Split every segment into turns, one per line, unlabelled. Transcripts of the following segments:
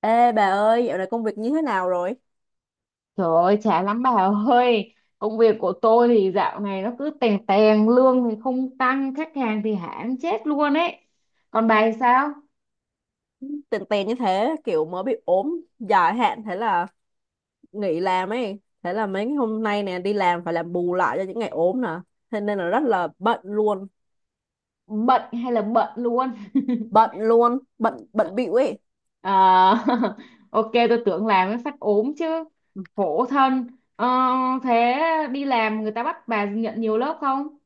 Ê bà ơi, dạo này công việc như thế nào rồi?
Trời ơi, chán lắm bà ơi. Công việc của tôi thì dạo này nó cứ tèn tèn. Lương thì không tăng, khách hàng thì hãm chết luôn ấy. Còn bà thì sao?
Tèn tèn như thế, kiểu mới bị ốm dài hạn, thế là nghỉ làm ấy. Thế là mấy ngày hôm nay nè, đi làm phải làm bù lại cho những ngày ốm nè. Thế nên là rất là bận luôn.
Bận hay là bận luôn?
Bận luôn, bận bận bịu ấy.
Ờ. Ok, tôi tưởng làm mới phát ốm chứ. Khổ thân. Ờ. Thế đi làm người ta bắt bà nhận nhiều lớp không?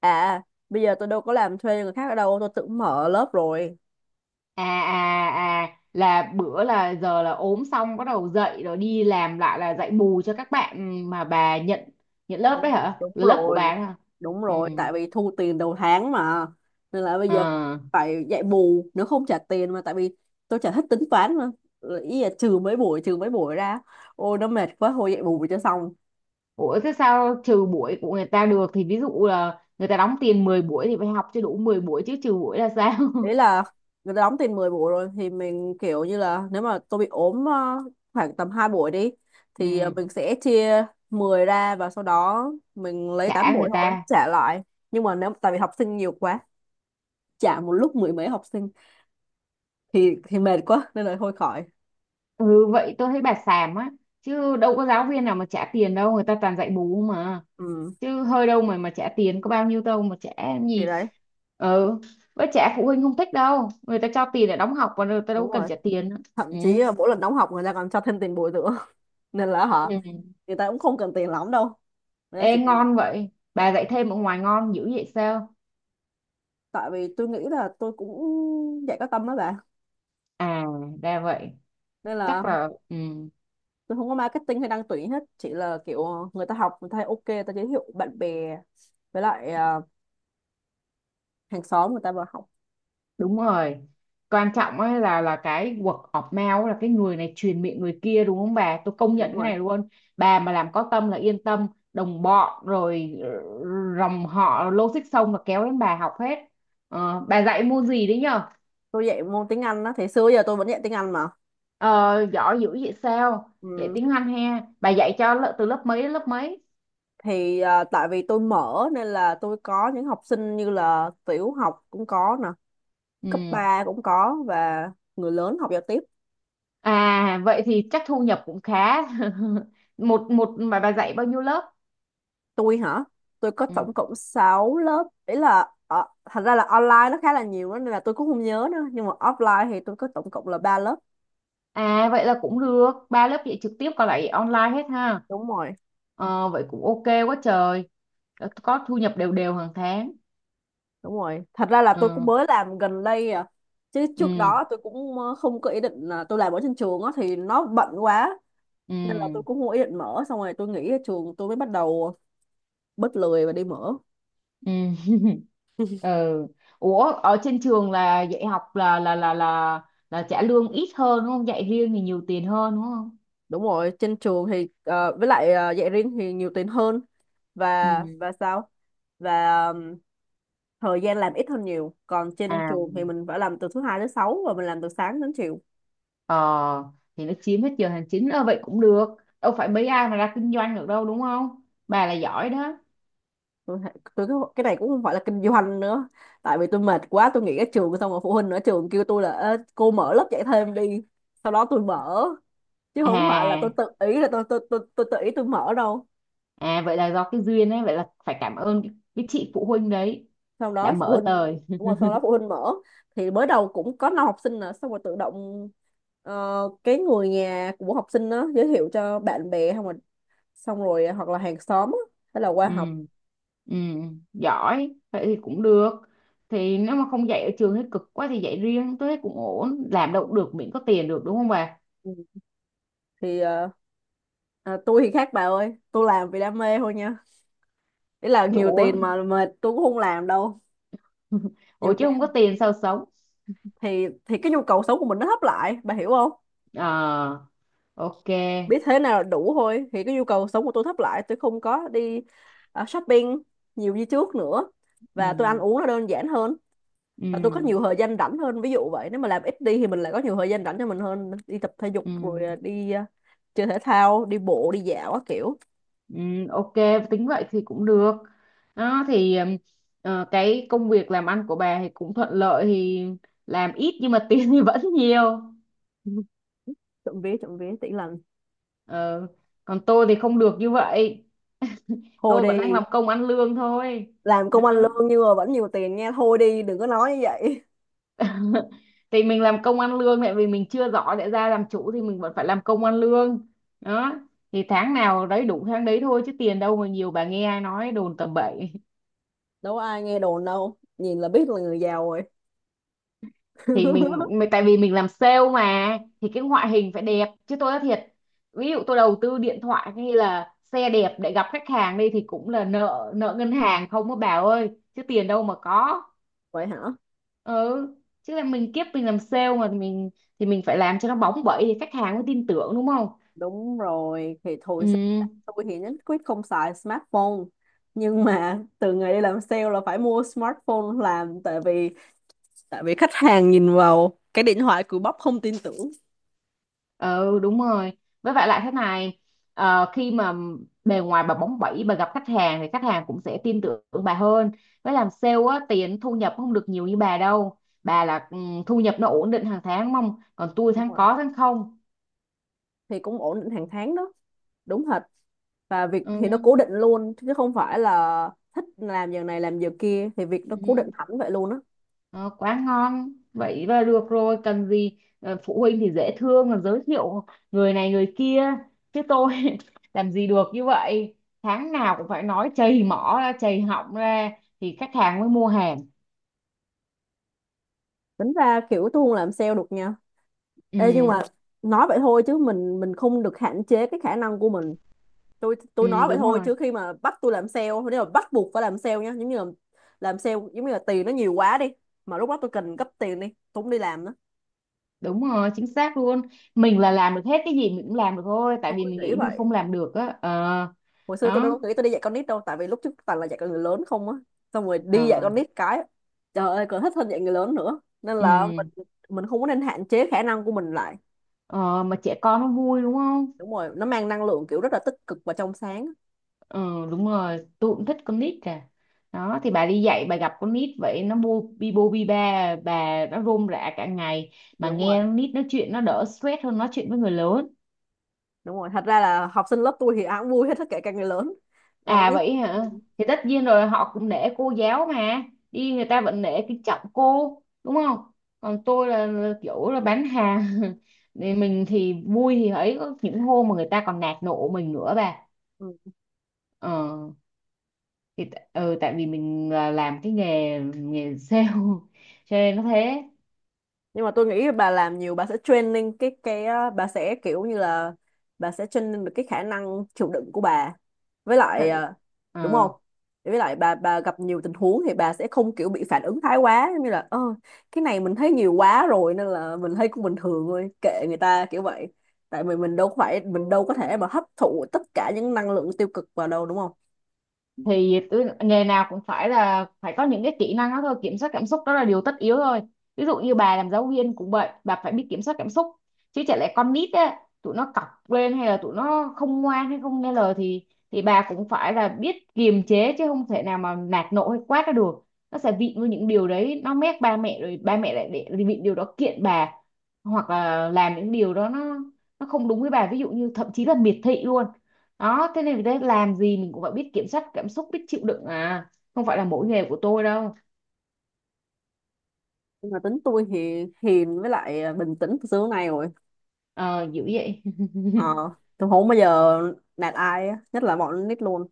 À, bây giờ tôi đâu có làm thuê người khác ở đâu, tôi tự mở lớp rồi.
À, là bữa là giờ là ốm xong bắt đầu dậy rồi đi làm lại là dạy bù cho các bạn mà bà nhận nhận lớp
Đúng.
đấy hả?
Đúng
Là lớp của
rồi.
bà đấy hả?
Đúng
Ừ.
rồi, tại vì thu tiền đầu tháng mà, nên là bây giờ phải,
Ờ.
phải dạy bù nếu không trả tiền, mà tại vì tôi chả thích tính toán mà. Rồi ý là trừ mấy buổi ra, ôi nó mệt quá thôi dạy bù cho xong.
Ủa, thế sao trừ buổi của người ta được? Thì ví dụ là người ta đóng tiền 10 buổi thì phải học cho đủ 10 buổi chứ, trừ buổi là sao?
Ý là người ta đóng tiền 10 buổi rồi thì mình kiểu như là, nếu mà tôi bị ốm khoảng tầm 2 buổi đi, thì
Ừ.
mình sẽ chia 10 ra, và sau đó mình lấy 8
Trả người
buổi thôi
ta.
trả lại. Nhưng mà nếu tại vì học sinh nhiều quá, trả một lúc mười mấy học sinh thì mệt quá, nên là thôi khỏi.
Ừ, vậy tôi thấy bà xàm á. Chứ đâu có giáo viên nào mà trả tiền đâu, người ta toàn dạy bù mà.
Ừ,
Chứ hơi đâu mà trả tiền, có bao nhiêu đâu mà trả làm
thì
gì.
đấy.
Ừ, với trả phụ huynh không thích đâu, người ta cho tiền để đóng học và người ta
Đúng
đâu cần
rồi,
trả tiền nữa.
thậm
Ừ.
chí là mỗi lần đóng học người ta còn cho thêm tiền bồi dưỡng. Nên là hả,
Ừ.
người ta cũng không cần tiền lắm đâu, nên là
Ê,
chỉ cần...
ngon vậy? Bà dạy thêm ở ngoài ngon dữ vậy sao?
Tại vì tôi nghĩ là tôi cũng dạy có tâm đó bà.
À, ra vậy.
Nên là
Chắc là ừ.
tôi không có marketing hay đăng tuyển hết, chỉ là kiểu người ta học người ta thấy ok, người ta giới thiệu bạn bè, với lại hàng xóm người ta vào học.
Đúng rồi, quan trọng ấy là cái word of mouth, là cái người này truyền miệng người kia, đúng không bà, tôi công
Đúng
nhận cái
rồi,
này luôn. Bà mà làm có tâm là yên tâm. Đồng bọn rồi, dòng họ logic xong là kéo đến bà học hết. Ờ, bà dạy môn gì đấy nhờ?
tôi dạy môn tiếng Anh đó, thì xưa giờ tôi vẫn dạy tiếng Anh mà.
Ờ, giỏi dữ vậy sao? Dạy
Ừ.
tiếng Anh ha, bà dạy cho từ lớp mấy đến lớp mấy?
Thì tại vì tôi mở nên là tôi có những học sinh như là tiểu học cũng có nè, cấp
Ừ.
3 cũng có, và người lớn học giao tiếp.
À vậy thì chắc thu nhập cũng khá. một một mà bà dạy bao nhiêu lớp?
Tôi hả? Tôi có
Ừ.
tổng cộng 6 lớp, ý là thành ra là online nó khá là nhiều đó, nên là tôi cũng không nhớ nữa, nhưng mà offline thì tôi có tổng cộng là 3 lớp.
À vậy là cũng được, ba lớp dạy trực tiếp còn lại online hết ha.
Đúng rồi.
Ờ, vậy cũng ok quá trời. Đã có thu nhập đều đều hàng tháng.
Đúng rồi, thật ra là tôi cũng
Ừ,
mới làm gần đây à. Chứ trước
ừ,
đó tôi cũng không có ý định, là tôi làm ở trên trường á thì nó bận quá, nên là
ừ,
tôi cũng không có ý định mở, xong rồi tôi nghỉ ở trường tôi mới bắt đầu bớt lười và đi mở.
ừ. Ừ. Ủa, ở trên trường là dạy học là trả lương ít hơn đúng không? Dạy riêng thì nhiều tiền hơn đúng không?
Đúng rồi, trên trường thì với lại dạy riêng thì nhiều tiền hơn. và
Ừ.
và sao, và thời gian làm ít hơn nhiều, còn trên
À,
trường thì mình phải làm từ thứ hai tới sáu, và mình làm từ sáng đến chiều.
ờ thì nó chiếm hết giờ hành chính. Ờ vậy cũng được. Đâu phải mấy ai mà ra kinh doanh được đâu đúng không? Bà là giỏi đó.
Tôi, tôi cái này cũng không phải là kinh doanh nữa, tại vì tôi mệt quá tôi nghỉ ở trường xong rồi phụ huynh ở trường kêu tôi là "Ê, cô mở lớp dạy thêm đi", sau đó tôi mở, chứ không phải là tôi
À
tự ý là tôi tự ý tôi mở đâu.
à, vậy là do cái duyên ấy, vậy là phải cảm ơn cái chị phụ huynh đấy
Sau
đã
đó phụ
mở
huynh...
lời.
Đúng rồi, sau đó phụ huynh mở, thì mới đầu cũng có năm học sinh nè, xong rồi tự động ờ, cái người nhà của học sinh đó giới thiệu cho bạn bè không rồi, xong rồi hoặc là hàng xóm á, hay là qua
Ừ,
học.
ừ. Giỏi vậy thì cũng được. Thì nếu mà không dạy ở trường thấy cực quá thì dạy riêng tôi thấy cũng ổn, làm đâu cũng được miễn có tiền được đúng không bà?
Ừ. Thì tôi thì khác bà ơi, tôi làm vì đam mê thôi nha, ý là
Chứ
nhiều
ủa.
tiền mà mệt tôi cũng không làm đâu.
Ủa,
Nhiều
chứ không có
tiền
tiền sao sống?
thì cái nhu cầu sống của mình nó hấp lại, bà hiểu không?
Ờ. Ok.
Biết thế nào là đủ thôi, thì cái nhu cầu sống của tôi thấp lại, tôi không có đi shopping nhiều như trước nữa. Và tôi ăn
Ừ.
uống nó đơn giản hơn,
Ừ.
và tôi có nhiều thời gian rảnh hơn, ví dụ vậy. Nếu mà làm ít đi thì mình lại có nhiều thời gian rảnh cho mình hơn, đi tập thể dục
Ừ.
rồi đi chơi thể thao, đi bộ đi dạo các kiểu.
Ừ, ok, tính vậy thì cũng được đó. Thì cái công việc làm ăn của bà thì cũng thuận lợi thì làm ít nhưng mà tiền thì vẫn nhiều.
Trộm vía trộm vía tỷ lần.
Ờ, còn tôi thì không được như vậy,
Thôi
tôi vẫn đang
đi,
làm công ăn lương thôi.
làm công ăn
Đó.
lương nhưng mà vẫn nhiều tiền nghe, thôi đi đừng có nói như vậy.
Thì mình làm công ăn lương tại vì mình chưa giỏi để ra làm chủ thì mình vẫn phải làm công ăn lương đó. Thì tháng nào đấy đủ tháng đấy thôi, chứ tiền đâu mà nhiều, bà nghe ai nói đồn tầm bậy.
Đâu có ai nghe đồn đâu, nhìn là biết là người giàu rồi.
Thì mình mà tại vì mình làm sale mà thì cái ngoại hình phải đẹp chứ, tôi nói thiệt. Ví dụ tôi đầu tư điện thoại hay là xe đẹp để gặp khách hàng đi thì cũng là nợ nợ ngân hàng không á bà ơi, chứ tiền đâu mà có.
Vậy hả?
Ừ, chứ là mình kiếp mình làm sale mà mình thì mình phải làm cho nó bóng bẩy thì khách hàng mới tin tưởng đúng không?
Đúng rồi, thì thôi sinh ra
Ừ.
tôi thì nhất quyết không xài smartphone. Nhưng mà từ ngày đi làm sale là phải mua smartphone làm, tại vì khách hàng nhìn vào cái điện thoại cùi bắp không tin tưởng.
Ừ, đúng rồi. Với lại lại thế này, khi mà bề ngoài bà bóng bẩy bà gặp khách hàng thì khách hàng cũng sẽ tin tưởng bà hơn. Với làm sale á tiền thu nhập không được nhiều như bà đâu. Bà là thu nhập nó ổn định hàng tháng mong, còn tôi
Đúng
tháng
rồi.
có tháng không.
Thì cũng ổn định hàng tháng đó, đúng thật. Và việc thì nó cố
Ừ.
định luôn, chứ không phải là thích làm giờ này làm giờ kia, thì việc nó cố định
Ừ.
hẳn vậy luôn á.
Ờ, quá ngon vậy là được rồi, cần gì. Ờ, phụ huynh thì dễ thương là giới thiệu người này người kia, chứ tôi làm gì được như vậy. Tháng nào cũng phải nói chầy mỏ ra chầy họng ra thì khách hàng mới mua hàng.
Tính ra kiểu tôi không làm sale được nha. Ê, nhưng
Ừ,
mà nói vậy thôi chứ mình không được hạn chế cái khả năng của mình. Tôi nói
ừ,
vậy
đúng
thôi,
rồi,
chứ khi mà bắt tôi làm sale, nếu mà bắt buộc phải làm sale nhá, giống như là làm sale giống như là tiền nó nhiều quá đi, mà lúc đó tôi cần gấp tiền đi, tôi không đi làm nữa.
đúng rồi, chính xác luôn. Mình là làm được hết, cái gì mình cũng làm được thôi, tại
Tôi
vì mình
nghĩ
nghĩ mình
vậy.
không làm được á. Ờ.
Hồi xưa tôi
Đó.
đâu có nghĩ tôi đi dạy con nít đâu, tại vì lúc trước toàn là dạy con người lớn không á, xong rồi đi dạy
Ờ.
con nít cái, trời ơi, còn thích hơn dạy người lớn nữa, nên là
Ừ.
mình không có nên hạn chế khả năng của mình lại.
Ờ mà trẻ con nó vui đúng không?
Đúng rồi, nó mang năng lượng kiểu rất là tích cực và trong sáng.
Ừ, đúng rồi, tôi cũng thích con nít cả. Đó thì bà đi dạy bà gặp con nít vậy nó bu bi bô bi ba bà, nó rôm rả cả ngày. Mà
Đúng
nghe
rồi.
con nít nói chuyện nó đỡ stress hơn nói chuyện với người lớn.
Đúng rồi, thật ra là học sinh lớp tôi thì ai cũng vui hết, tất cả các người lớn còn
À vậy
nít.
hả? Thì tất nhiên rồi, họ cũng nể cô giáo mà. Đi người ta vẫn nể kính trọng cô, đúng không? Còn tôi là kiểu là bán hàng. Thì mình thì vui thì ấy, có những hôm mà người ta còn nạt nộ mình nữa bà.
Ừ.
Ờ, thì ừ, tại vì mình là làm cái nghề nghề sale cho nên nó thế.
Nhưng mà tôi nghĩ bà làm nhiều bà sẽ training cái á, bà sẽ kiểu như là bà sẽ training được cái khả năng chịu đựng của bà, với lại
Thật-
đúng không,
ờ.
với lại bà gặp nhiều tình huống thì bà sẽ không kiểu bị phản ứng thái quá, giống như là "ơ, cái này mình thấy nhiều quá rồi nên là mình thấy cũng bình thường thôi, kệ người ta kiểu vậy", tại vì mình đâu phải, mình đâu có thể mà hấp thụ tất cả những năng lượng tiêu cực vào đâu, đúng không?
Thì tôi nghề nào cũng phải là phải có những cái kỹ năng đó thôi, kiểm soát cảm xúc đó là điều tất yếu thôi. Ví dụ như bà làm giáo viên cũng vậy, bà phải biết kiểm soát cảm xúc chứ, chả lẽ con nít á, tụi nó cọc lên hay là tụi nó không ngoan hay không nghe lời thì bà cũng phải là biết kiềm chế, chứ không thể nào mà nạt nộ hay quát ra được. Nó sẽ vịn với những điều đấy, nó mét ba mẹ rồi ba mẹ lại để vịn điều đó kiện bà, hoặc là làm những điều đó nó không đúng với bà, ví dụ như thậm chí là miệt thị luôn. Đó thế nên đấy, làm gì mình cũng phải biết kiểm soát cảm xúc, biết chịu đựng à, không phải là mỗi nghề của tôi đâu.
Nhưng mà tính tôi thì hiền, với lại bình tĩnh từ xưa đến nay rồi.
Ờ dữ vậy.
Ờ, tôi không bao giờ nạt ai á, nhất là bọn con nít luôn.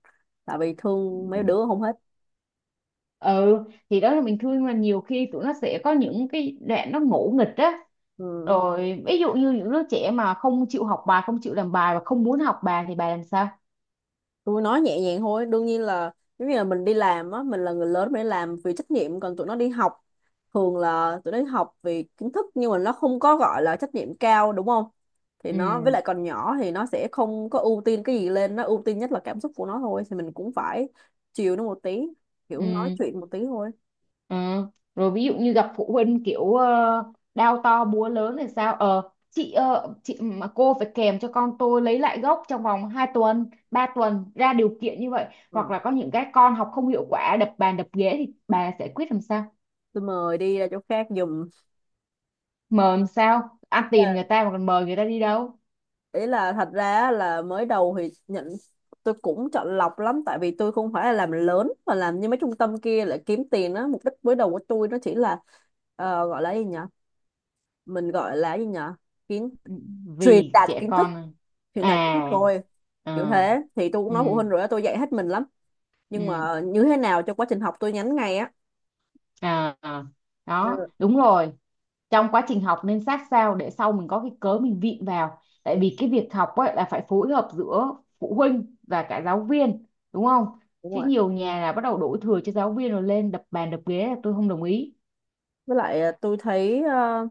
Tại vì thương mấy đứa không hết.
Ừ, thì đó là mình thương mà nhiều khi tụi nó sẽ có những cái đoạn nó ngỗ nghịch á.
Ừ.
Rồi ví dụ như những đứa trẻ mà không chịu học bài, không chịu làm bài và không muốn học bài thì bà làm sao?
Tôi nói nhẹ nhàng thôi, đương nhiên là giống như là mình đi làm á, mình là người lớn mình đi làm vì trách nhiệm, còn tụi nó đi học, thường là tụi nó đi học vì kiến thức, nhưng mà nó không có gọi là trách nhiệm cao, đúng không? Thì
Ừ.
nó với lại còn nhỏ thì nó sẽ không có ưu tiên cái gì lên, nó ưu tiên nhất là cảm xúc của nó thôi, thì mình cũng phải chiều nó một tí, kiểu nói
Ừ.
chuyện một tí thôi.
Ừ. Rồi ví dụ như gặp phụ huynh kiểu đao to búa lớn thì sao? Ờ, chị mà cô phải kèm cho con tôi lấy lại gốc trong vòng 2 tuần, 3 tuần ra điều kiện như vậy,
Ờ.
hoặc là có những cái con học không hiệu quả đập bàn đập ghế thì bà giải quyết làm sao?
Tôi mời đi ra chỗ khác giùm.
Mời làm sao? Ăn tiền
Dạ.
người ta mà còn mời người ta đi đâu?
Ý là thật ra là mới đầu thì nhận, tôi cũng chọn lọc lắm, tại vì tôi không phải là làm lớn mà làm như mấy trung tâm kia lại kiếm tiền á, mục đích mới đầu của tôi nó chỉ là gọi là gì nhở mình gọi là gì nhở, kiến
Ừ.
truyền
Vì
đạt
trẻ
kiến thức,
con này.
truyền đạt kiến thức
À.
thôi. Kiểu
Ờ.
thế thì tôi cũng
Ừ.
nói phụ huynh rồi á, tôi dạy hết mình lắm, nhưng
Ừ.
mà như thế nào cho quá trình học tôi nhắn ngay á.
À. À. Đó
Ừ,
đúng rồi. Trong quá trình học nên sát sao để sau mình có cái cớ mình vịn vào, tại vì cái việc học ấy là phải phối hợp giữa phụ huynh và cả giáo viên đúng không?
đúng
Chứ
rồi,
nhiều nhà là bắt đầu đổ thừa cho giáo viên rồi lên đập bàn đập ghế là tôi không đồng ý.
với lại tôi thấy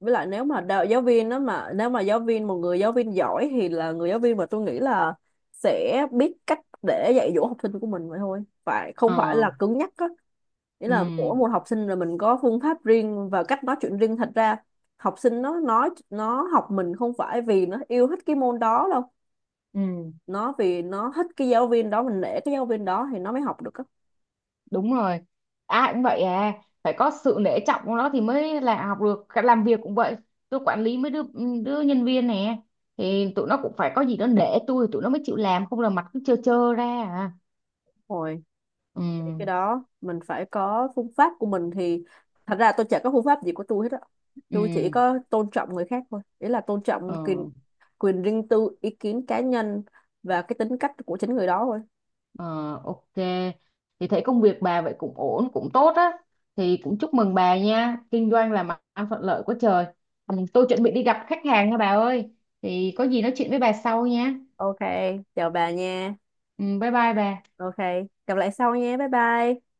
với lại nếu mà đạo giáo viên đó, mà nếu mà giáo viên, một người giáo viên giỏi thì là người giáo viên mà tôi nghĩ là sẽ biết cách để dạy dỗ học sinh của mình vậy thôi, phải
Ờ.
không phải là cứng nhắc á, nghĩa
Ừ.
là mỗi một học sinh là mình có phương pháp riêng và cách nói chuyện riêng. Thật ra học sinh nó nói nó học mình không phải vì nó yêu thích cái môn đó đâu,
Ừ,
nó vì nó thích cái giáo viên đó, mình nể cái giáo viên đó thì nó mới học được.
đúng rồi, ai cũng vậy à, phải có sự nể trọng của nó thì mới là học được. Cả làm việc cũng vậy, tôi quản lý mấy đứa đứa nhân viên nè thì tụi nó cũng phải có gì đó nể tôi tụi nó mới chịu làm, không là mặt cứ trơ trơ ra à.
Á,
Ừ.
thì cái đó mình phải có phương pháp của mình thì... Thật ra tôi chả có phương pháp gì của tôi hết á,
Ừ.
tôi chỉ có tôn trọng người khác thôi, ý là tôn trọng quyền
Ờ,
quyền riêng tư, ý kiến cá nhân, và cái tính cách của chính người đó thôi.
ờ, ok. Thì thấy công việc bà vậy cũng ổn, cũng tốt á. Thì cũng chúc mừng bà nha. Kinh doanh là mặt ăn thuận lợi quá trời. Ừ, tôi chuẩn bị đi gặp khách hàng nha bà ơi. Thì có gì nói chuyện với bà sau nha.
Ok, chào bà nha.
Ừ, bye bye bà.
Ok, gặp lại sau nha, bye bye.